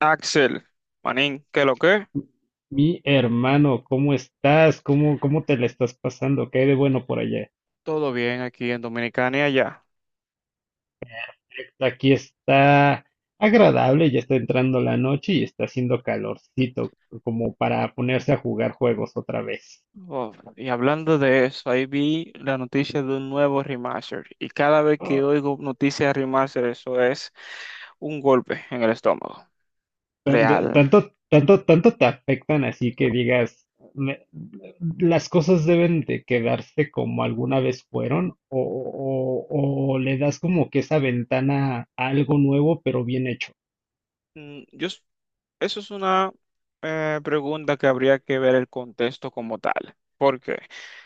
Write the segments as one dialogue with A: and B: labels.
A: Axel, Manín, ¿qué lo que?
B: Mi hermano, ¿cómo estás? ¿Cómo te la estás pasando? ¿Qué hay de bueno por allá?
A: Todo bien aquí en Dominicana y allá.
B: Aquí está agradable, ya está entrando la noche y está haciendo calorcito, como para ponerse a jugar juegos otra vez.
A: Oh, y hablando de eso, ahí vi la noticia de un nuevo remaster. Y cada vez que
B: Ah,
A: oigo noticias de remaster, eso es un golpe en el estómago. Real.
B: Tanto, tanto, tanto te afectan así que digas, "Me- las cosas deben de quedarse como alguna vez fueron, o, o le das como que esa ventana a algo nuevo, pero bien hecho.
A: Mm, Yo, s- Eso es una pregunta que habría que ver el contexto como tal. Porque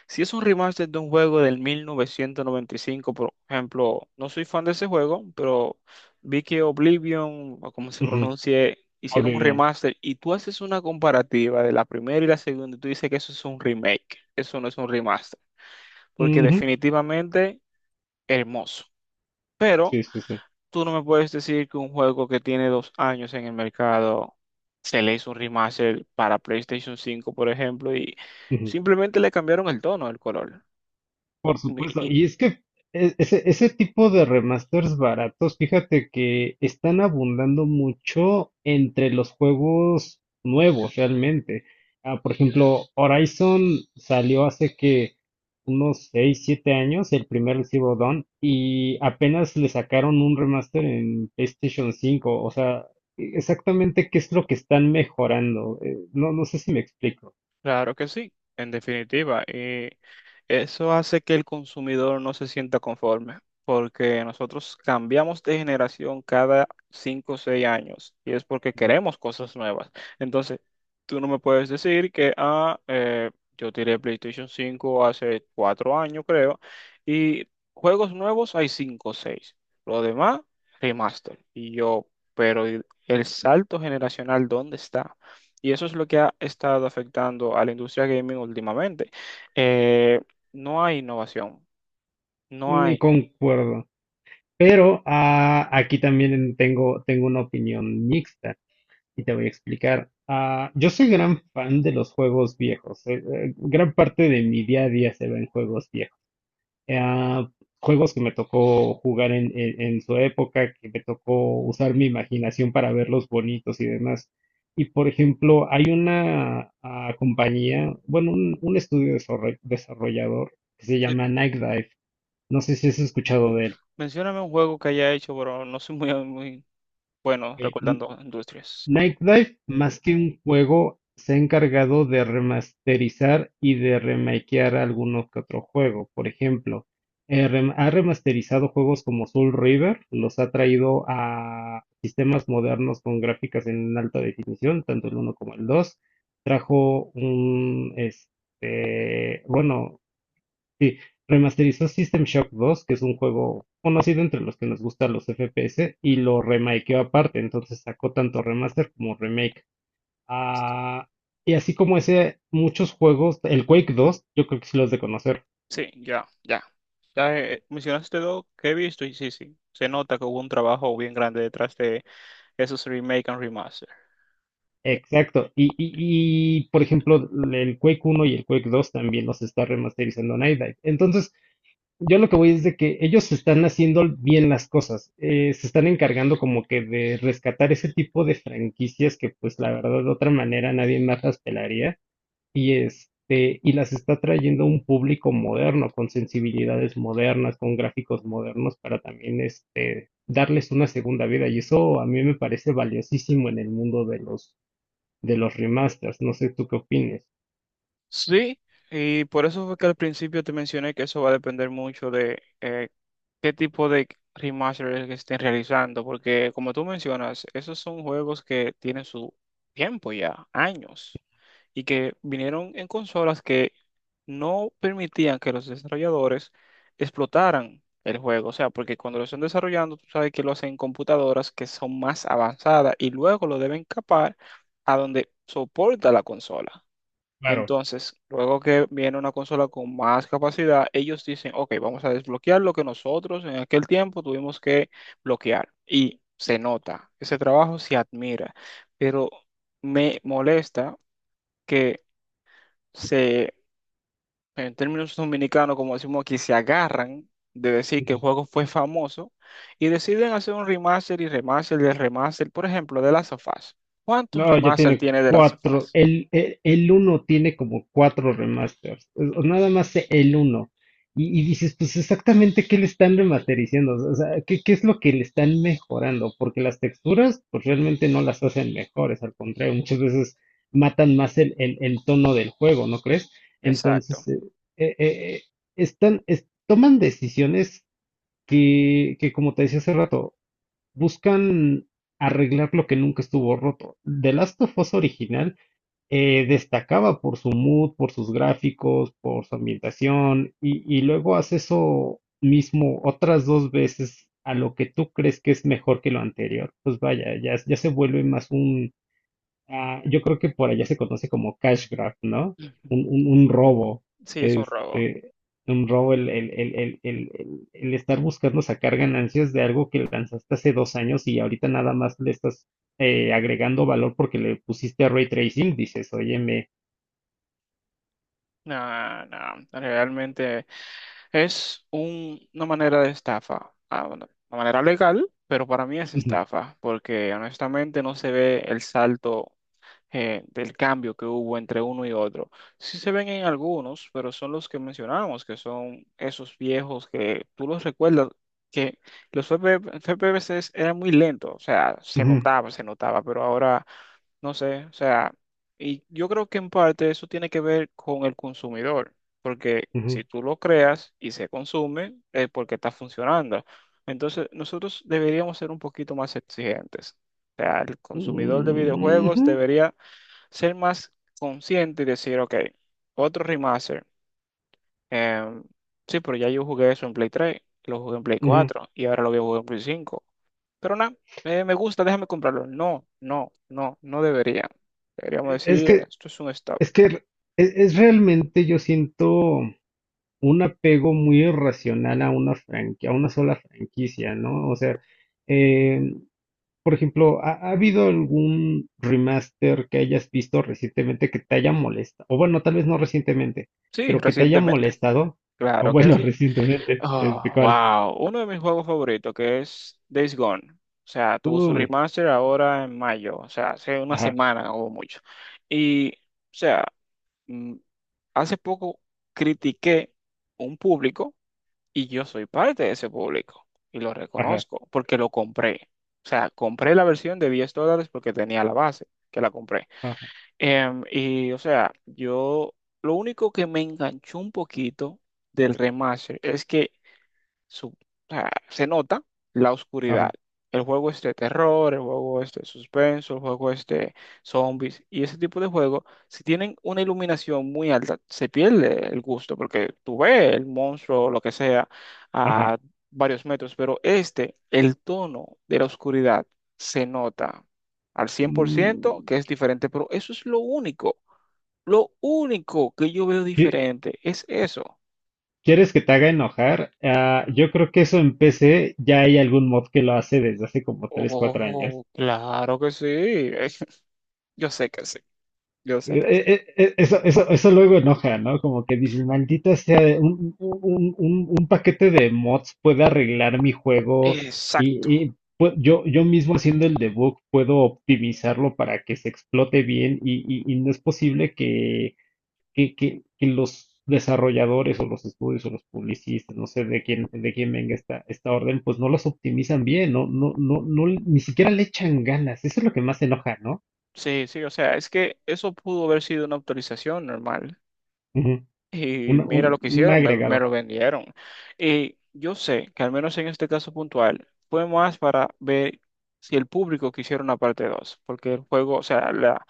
A: si es un remaster de un juego del 1995, por ejemplo, no soy fan de ese juego, pero vi que Oblivion, o como se
B: Ujú,
A: pronuncie, hicieron un
B: hable
A: remaster y tú haces una comparativa de la primera y la segunda y tú dices que eso es un remake, eso no es un remaster, porque
B: bien.
A: definitivamente hermoso.
B: Sí, sí, sí.
A: Tú no me puedes decir que un juego que tiene 2 años en el mercado se le hizo un remaster para PlayStation 5, por ejemplo, y
B: Ujú.
A: simplemente le cambiaron el tono, el color.
B: Por supuesto. Y es que ese tipo de remasters baratos, fíjate que están abundando mucho entre los juegos nuevos realmente. Por ejemplo, Horizon salió hace que unos 6, 7 años, el primer Zero Dawn, y apenas le sacaron un remaster en PlayStation 5. O sea, exactamente qué es lo que están mejorando. No, no sé si me explico.
A: Claro que sí, en definitiva. Y eso hace que el consumidor no se sienta conforme, porque nosotros cambiamos de generación cada 5 o 6 años y es porque
B: Ujú.
A: queremos cosas nuevas. Entonces, tú no me puedes decir que, yo tiré PlayStation 5 hace 4 años, creo, y juegos nuevos hay cinco o seis. Lo demás, remaster. Y yo, pero ¿y el salto generacional? ¿Dónde está? Y eso es lo que ha estado afectando a la industria gaming últimamente. Eh, no hay innovación, no
B: Ni
A: hay.
B: concuerdo. Pero aquí también tengo una opinión mixta y te voy a explicar. Yo soy gran fan de los juegos viejos. Gran parte de mi día a día se ve en juegos viejos. Ah, juegos que me tocó jugar en, en su época, que me tocó usar mi imaginación para verlos bonitos y demás. Y por ejemplo, hay una compañía, bueno, un estudio desarrollador que se
A: Eh,
B: llama Night Dive. No sé si has escuchado de él.
A: Mencióname un juego que haya hecho, pero no soy muy, muy bueno
B: Eh,
A: recordando industrias.
B: Nightlife más que un juego se ha encargado de remasterizar y de remakear algunos que otro juego. Por ejemplo, ha remasterizado juegos como Soul River, los ha traído a sistemas modernos con gráficas en alta definición, tanto el uno como el dos. Trajo un, este, bueno. Sí, remasterizó System Shock 2, que es un juego conocido entre los que nos gustan los FPS, y lo remakeó aparte, entonces sacó tanto remaster como remake. Ah, y así como ese, muchos juegos, el Quake 2, yo creo que sí los de conocer.
A: Sí, ya, ya. Ya mencionaste dos que he visto y sí, sí. Se nota que hubo un trabajo bien grande detrás de esos remake and remaster.
B: Exacto, por ejemplo, el Quake 1 y el Quake 2 también los está remasterizando Night Dive. Entonces, yo lo que voy es de que ellos están haciendo bien las cosas, se están encargando como que de rescatar ese tipo de franquicias que pues la verdad de otra manera nadie más las pelaría y este y las está trayendo a un público moderno con sensibilidades modernas, con gráficos modernos para también este darles una segunda vida y eso a mí me parece valiosísimo en el mundo de los remasters, no sé tú qué opines.
A: Sí, y por eso fue que al principio te mencioné que eso va a depender mucho de qué tipo de remaster es que estén realizando, porque como tú mencionas, esos son juegos que tienen su tiempo ya, años, y que vinieron en consolas que no permitían que los desarrolladores explotaran el juego, o sea, porque cuando lo están desarrollando, tú sabes que lo hacen en computadoras que son más avanzadas y luego lo deben capar a donde soporta la consola.
B: Claro.
A: Entonces, luego que viene una consola con más capacidad, ellos dicen, ok, vamos a desbloquear lo que nosotros en aquel tiempo tuvimos que bloquear. Y se nota, ese trabajo se admira, pero me molesta que se, en términos dominicanos, como decimos aquí, se agarran de decir que el juego fue famoso y deciden hacer un remaster y remaster y remaster, por ejemplo, de las of Us. ¿Cuántos
B: No, ya
A: remaster
B: tiene
A: tiene de las of
B: cuatro.
A: Us?
B: El uno tiene como cuatro remasters. O nada más el uno. Y dices, pues exactamente qué le están remasterizando. O sea, ¿qué es lo que le están mejorando? Porque las texturas, pues realmente no las hacen mejores. Al contrario, muchas veces matan más el tono del juego, ¿no crees? Entonces,
A: Exacto.
B: eh, eh, eh, están, toman decisiones como te decía hace rato, buscan arreglar lo que nunca estuvo roto. The Last of Us original destacaba por su mood, por sus gráficos, por su ambientación, y luego hace eso mismo otras dos veces a lo que tú crees que es mejor que lo anterior. Pues vaya, ya se vuelve más un. Yo creo que por allá se conoce como cash grab, ¿no?
A: Ujú.
B: Un robo,
A: Sí, es un robo.
B: este, un robo, el estar buscando sacar ganancias de algo que lanzaste hace dos años y ahorita nada más le estás agregando valor porque le pusiste a ray tracing, dices, óyeme,
A: No, no, realmente. Una manera de estafa. Bueno, una manera legal, pero para mí es
B: ujú,
A: estafa, porque honestamente no se ve el salto del cambio que hubo entre uno y otro. Sí se ven en algunos, pero son los que mencionamos, que son esos viejos que tú los recuerdas, que los F P V FP FPVCs eran muy lentos, o sea,
B: ujú,
A: se notaba, pero ahora no sé, o sea, y yo creo que en parte eso tiene que ver con el consumidor, porque
B: ujú,
A: si tú lo creas y se consume, es porque está funcionando. Entonces, nosotros deberíamos ser un poquito más exigentes. O sea, el consumidor de
B: mm,
A: videojuegos
B: ujú,
A: debería ser más consciente y decir, ok, otro remaster. em, sí, pero ya yo jugué eso en Play 3, lo jugué en Play
B: ujú".
A: cuatro y ahora lo voy a jugar en Play 5. Pero nada, me gusta, déjame comprarlo. No, no, no, no debería. Deberíamos
B: Es
A: decir,
B: que,
A: esto es un stop.
B: es que es realmente yo siento. Un apego muy irracional a a una sola franquicia, ¿no? O sea, eh, por ejemplo, ¿ha habido algún remaster que hayas visto recientemente que te haya molestado? O bueno, tal vez no recientemente,
A: Sí,
B: pero que te haya
A: recientemente.
B: molestado. O
A: Claro que
B: bueno,
A: sí.
B: recientemente, este,
A: Oh,
B: ¿cuál?
A: wow. Uno de mis juegos favoritos, que es Days Gone. O sea, tuvo su
B: Uy,
A: remaster ahora en mayo. O sea, hace una
B: ajá,
A: semana o mucho. Y, o sea, mm, hace poco critiqué un público. Y yo soy parte de ese público y lo
B: ajá,
A: reconozco porque lo compré. O sea, compré la versión de $10 porque tenía la base que la compré.
B: ajá,
A: Y o sea, yo lo único que me enganchó un poquito del remaster es que o sea, se nota la oscuridad.
B: ajá,
A: El juego es de terror, el juego es de suspenso, el juego es de zombies y ese tipo de juegos, si tienen una iluminación muy alta, se pierde el gusto porque tú ves el monstruo o lo que sea
B: ajá.
A: a varios metros, pero este, el tono de la oscuridad se nota al 100%
B: Mm.
A: que es diferente, pero eso es lo único que yo veo
B: ¿qué-
A: diferente es eso.
B: ¿Quieres que te haga enojar? Yo creo que eso en PC ya hay algún mod que lo hace desde hace como 3 4 años.
A: Oh, claro que sí. Yo sé que sí, yo sé
B: Eh,
A: que sí.
B: eh, eh, eh, Eso, eso, eso luego enoja, ¿no? Como que dices, maldita sea, un paquete de mods puede arreglar mi juego
A: Exacto.
B: y yo mismo haciendo el debug puedo optimizarlo para que se explote bien y no es posible que, que los desarrolladores o los estudios o los publicistas, no sé de quién venga esta orden, pues no los optimizan bien, no, no, no, no, ni siquiera le echan ganas. Eso es lo que más enoja, ¿no?
A: Sí, sí, o sea, es que eso pudo haber sido una autorización normal.
B: Ujú. Un,
A: Y mira
B: un
A: lo que
B: un
A: hicieron, me
B: agregado.
A: lo vendieron. Y yo sé que al menos en este caso puntual fue más para ver si el público quisiera una parte 2 porque el juego, o sea, la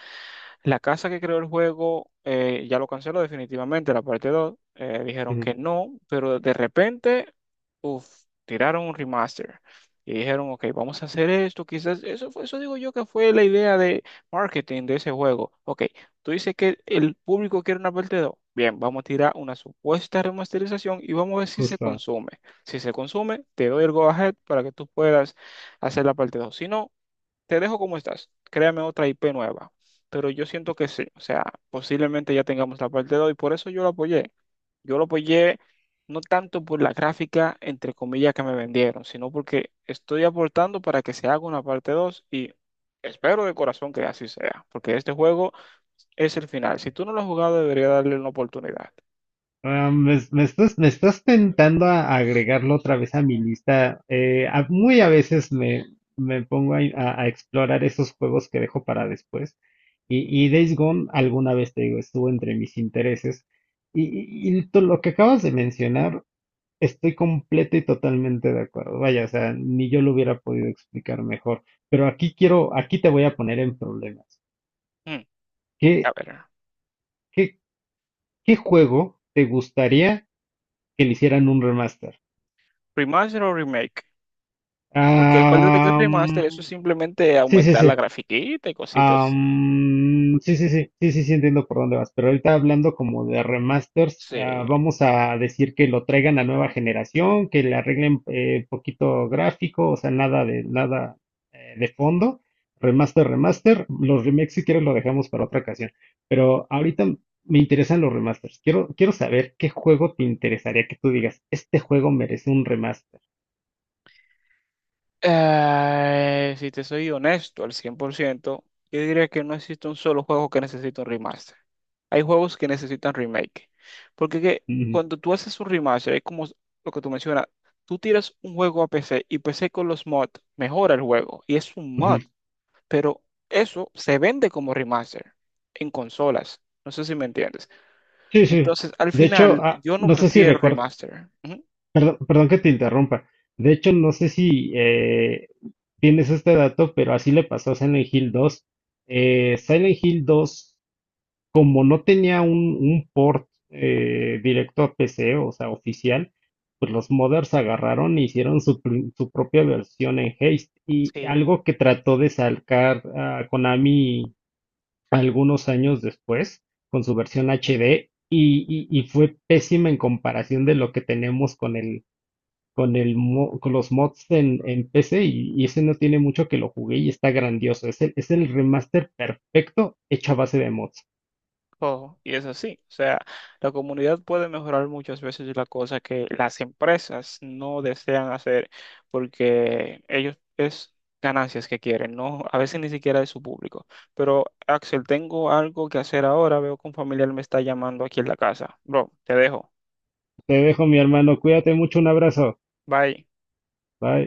A: La casa que creó el juego ya lo canceló definitivamente, la parte 2 dijeron
B: Ujú.
A: que no, pero de repente, uf, tiraron un remaster. Y dijeron, ok, vamos a hacer esto. Quizás eso fue, eso digo yo que fue la idea de marketing de ese juego. Ok, tú dices que el público quiere una parte dos. Bien, vamos a tirar una supuesta remasterización y vamos a ver si se
B: Justo.
A: consume. Si se consume, te doy el go ahead para que tú puedas hacer la parte dos. Si no, te dejo como estás, créame otra IP nueva, pero yo siento que sí, o sea, posiblemente ya tengamos la parte 2 y por eso yo lo apoyé. Yo lo apoyé no tanto por la gráfica, entre comillas, que me vendieron, sino porque estoy aportando para que se haga una parte 2 y espero de corazón que así sea, porque este juego es el final. Si tú no lo has jugado, debería darle una oportunidad.
B: Me estás tentando a agregarlo otra vez a mi lista. Muy a veces me pongo a, a explorar esos juegos que dejo para después. Y Days Gone, alguna vez te digo, estuvo entre mis intereses. Y, lo que acabas de mencionar, estoy completa y totalmente de acuerdo. Vaya, o sea, ni yo lo hubiera podido explicar mejor. Pero aquí quiero, aquí te voy a poner en problemas.
A: Mm, a
B: ¿Qué,
A: ver,
B: qué, qué juego te gustaría que le hicieran un remaster?
A: remaster o remake, porque acuérdate que el
B: Am,
A: remaster eso es simplemente
B: sí, sí,
A: aumentar
B: sí.
A: la grafiquita y cositas.
B: Sí, sí, sí, sí, sí, sí, entiendo por dónde vas. Pero ahorita hablando como de remasters,
A: Sí.
B: vamos a decir que lo traigan a nueva generación, que le arreglen poquito gráfico, o sea, nada de nada de fondo. Remaster, remaster. Los remakes, si quieres, lo dejamos para otra ocasión. Pero ahorita me interesan los remasters. Quiero saber qué juego te interesaría que tú digas, este juego merece un remaster.
A: Si te soy honesto al 100%, yo diría que no existe un solo juego que necesite un remaster. Hay juegos que necesitan remake. Porque que
B: Ujú,
A: cuando tú haces un remaster, es como lo que tú mencionas, tú tiras un juego a PC y PC con los mods mejora el juego y es un mod,
B: ujú.
A: pero eso se vende como remaster en consolas. No sé si me entiendes.
B: Sí, sí.
A: Entonces, al
B: De hecho,
A: final, yo no
B: no sé si
A: prefiero
B: recuerdo,
A: remaster. Ujú.
B: perdón, perdón que te interrumpa. De hecho, no sé si tienes este dato, pero así le pasó a Silent Hill 2. Silent Hill 2, como no tenía un port directo a PC, o sea, oficial, pues los modders agarraron e hicieron su, su propia versión en Haste. Y
A: Sí,
B: algo que trató de sacar a Konami algunos años después con su versión HD y fue pésima en comparación de lo que tenemos con el con los mods en PC y ese no tiene mucho que lo jugué y está grandioso. Es el remaster perfecto hecho a base de mods.
A: todo, y es así. O sea, la comunidad puede mejorar muchas veces la cosa que las empresas no desean hacer porque ellos es ganancias que quieren, ¿no? A veces ni siquiera de su público. Pero Axel, tengo algo que hacer ahora, veo que un familiar me está llamando aquí en la casa. Bro, te dejo.
B: Te dejo, mi hermano. Cuídate mucho. Un abrazo.
A: Bye.
B: Bye.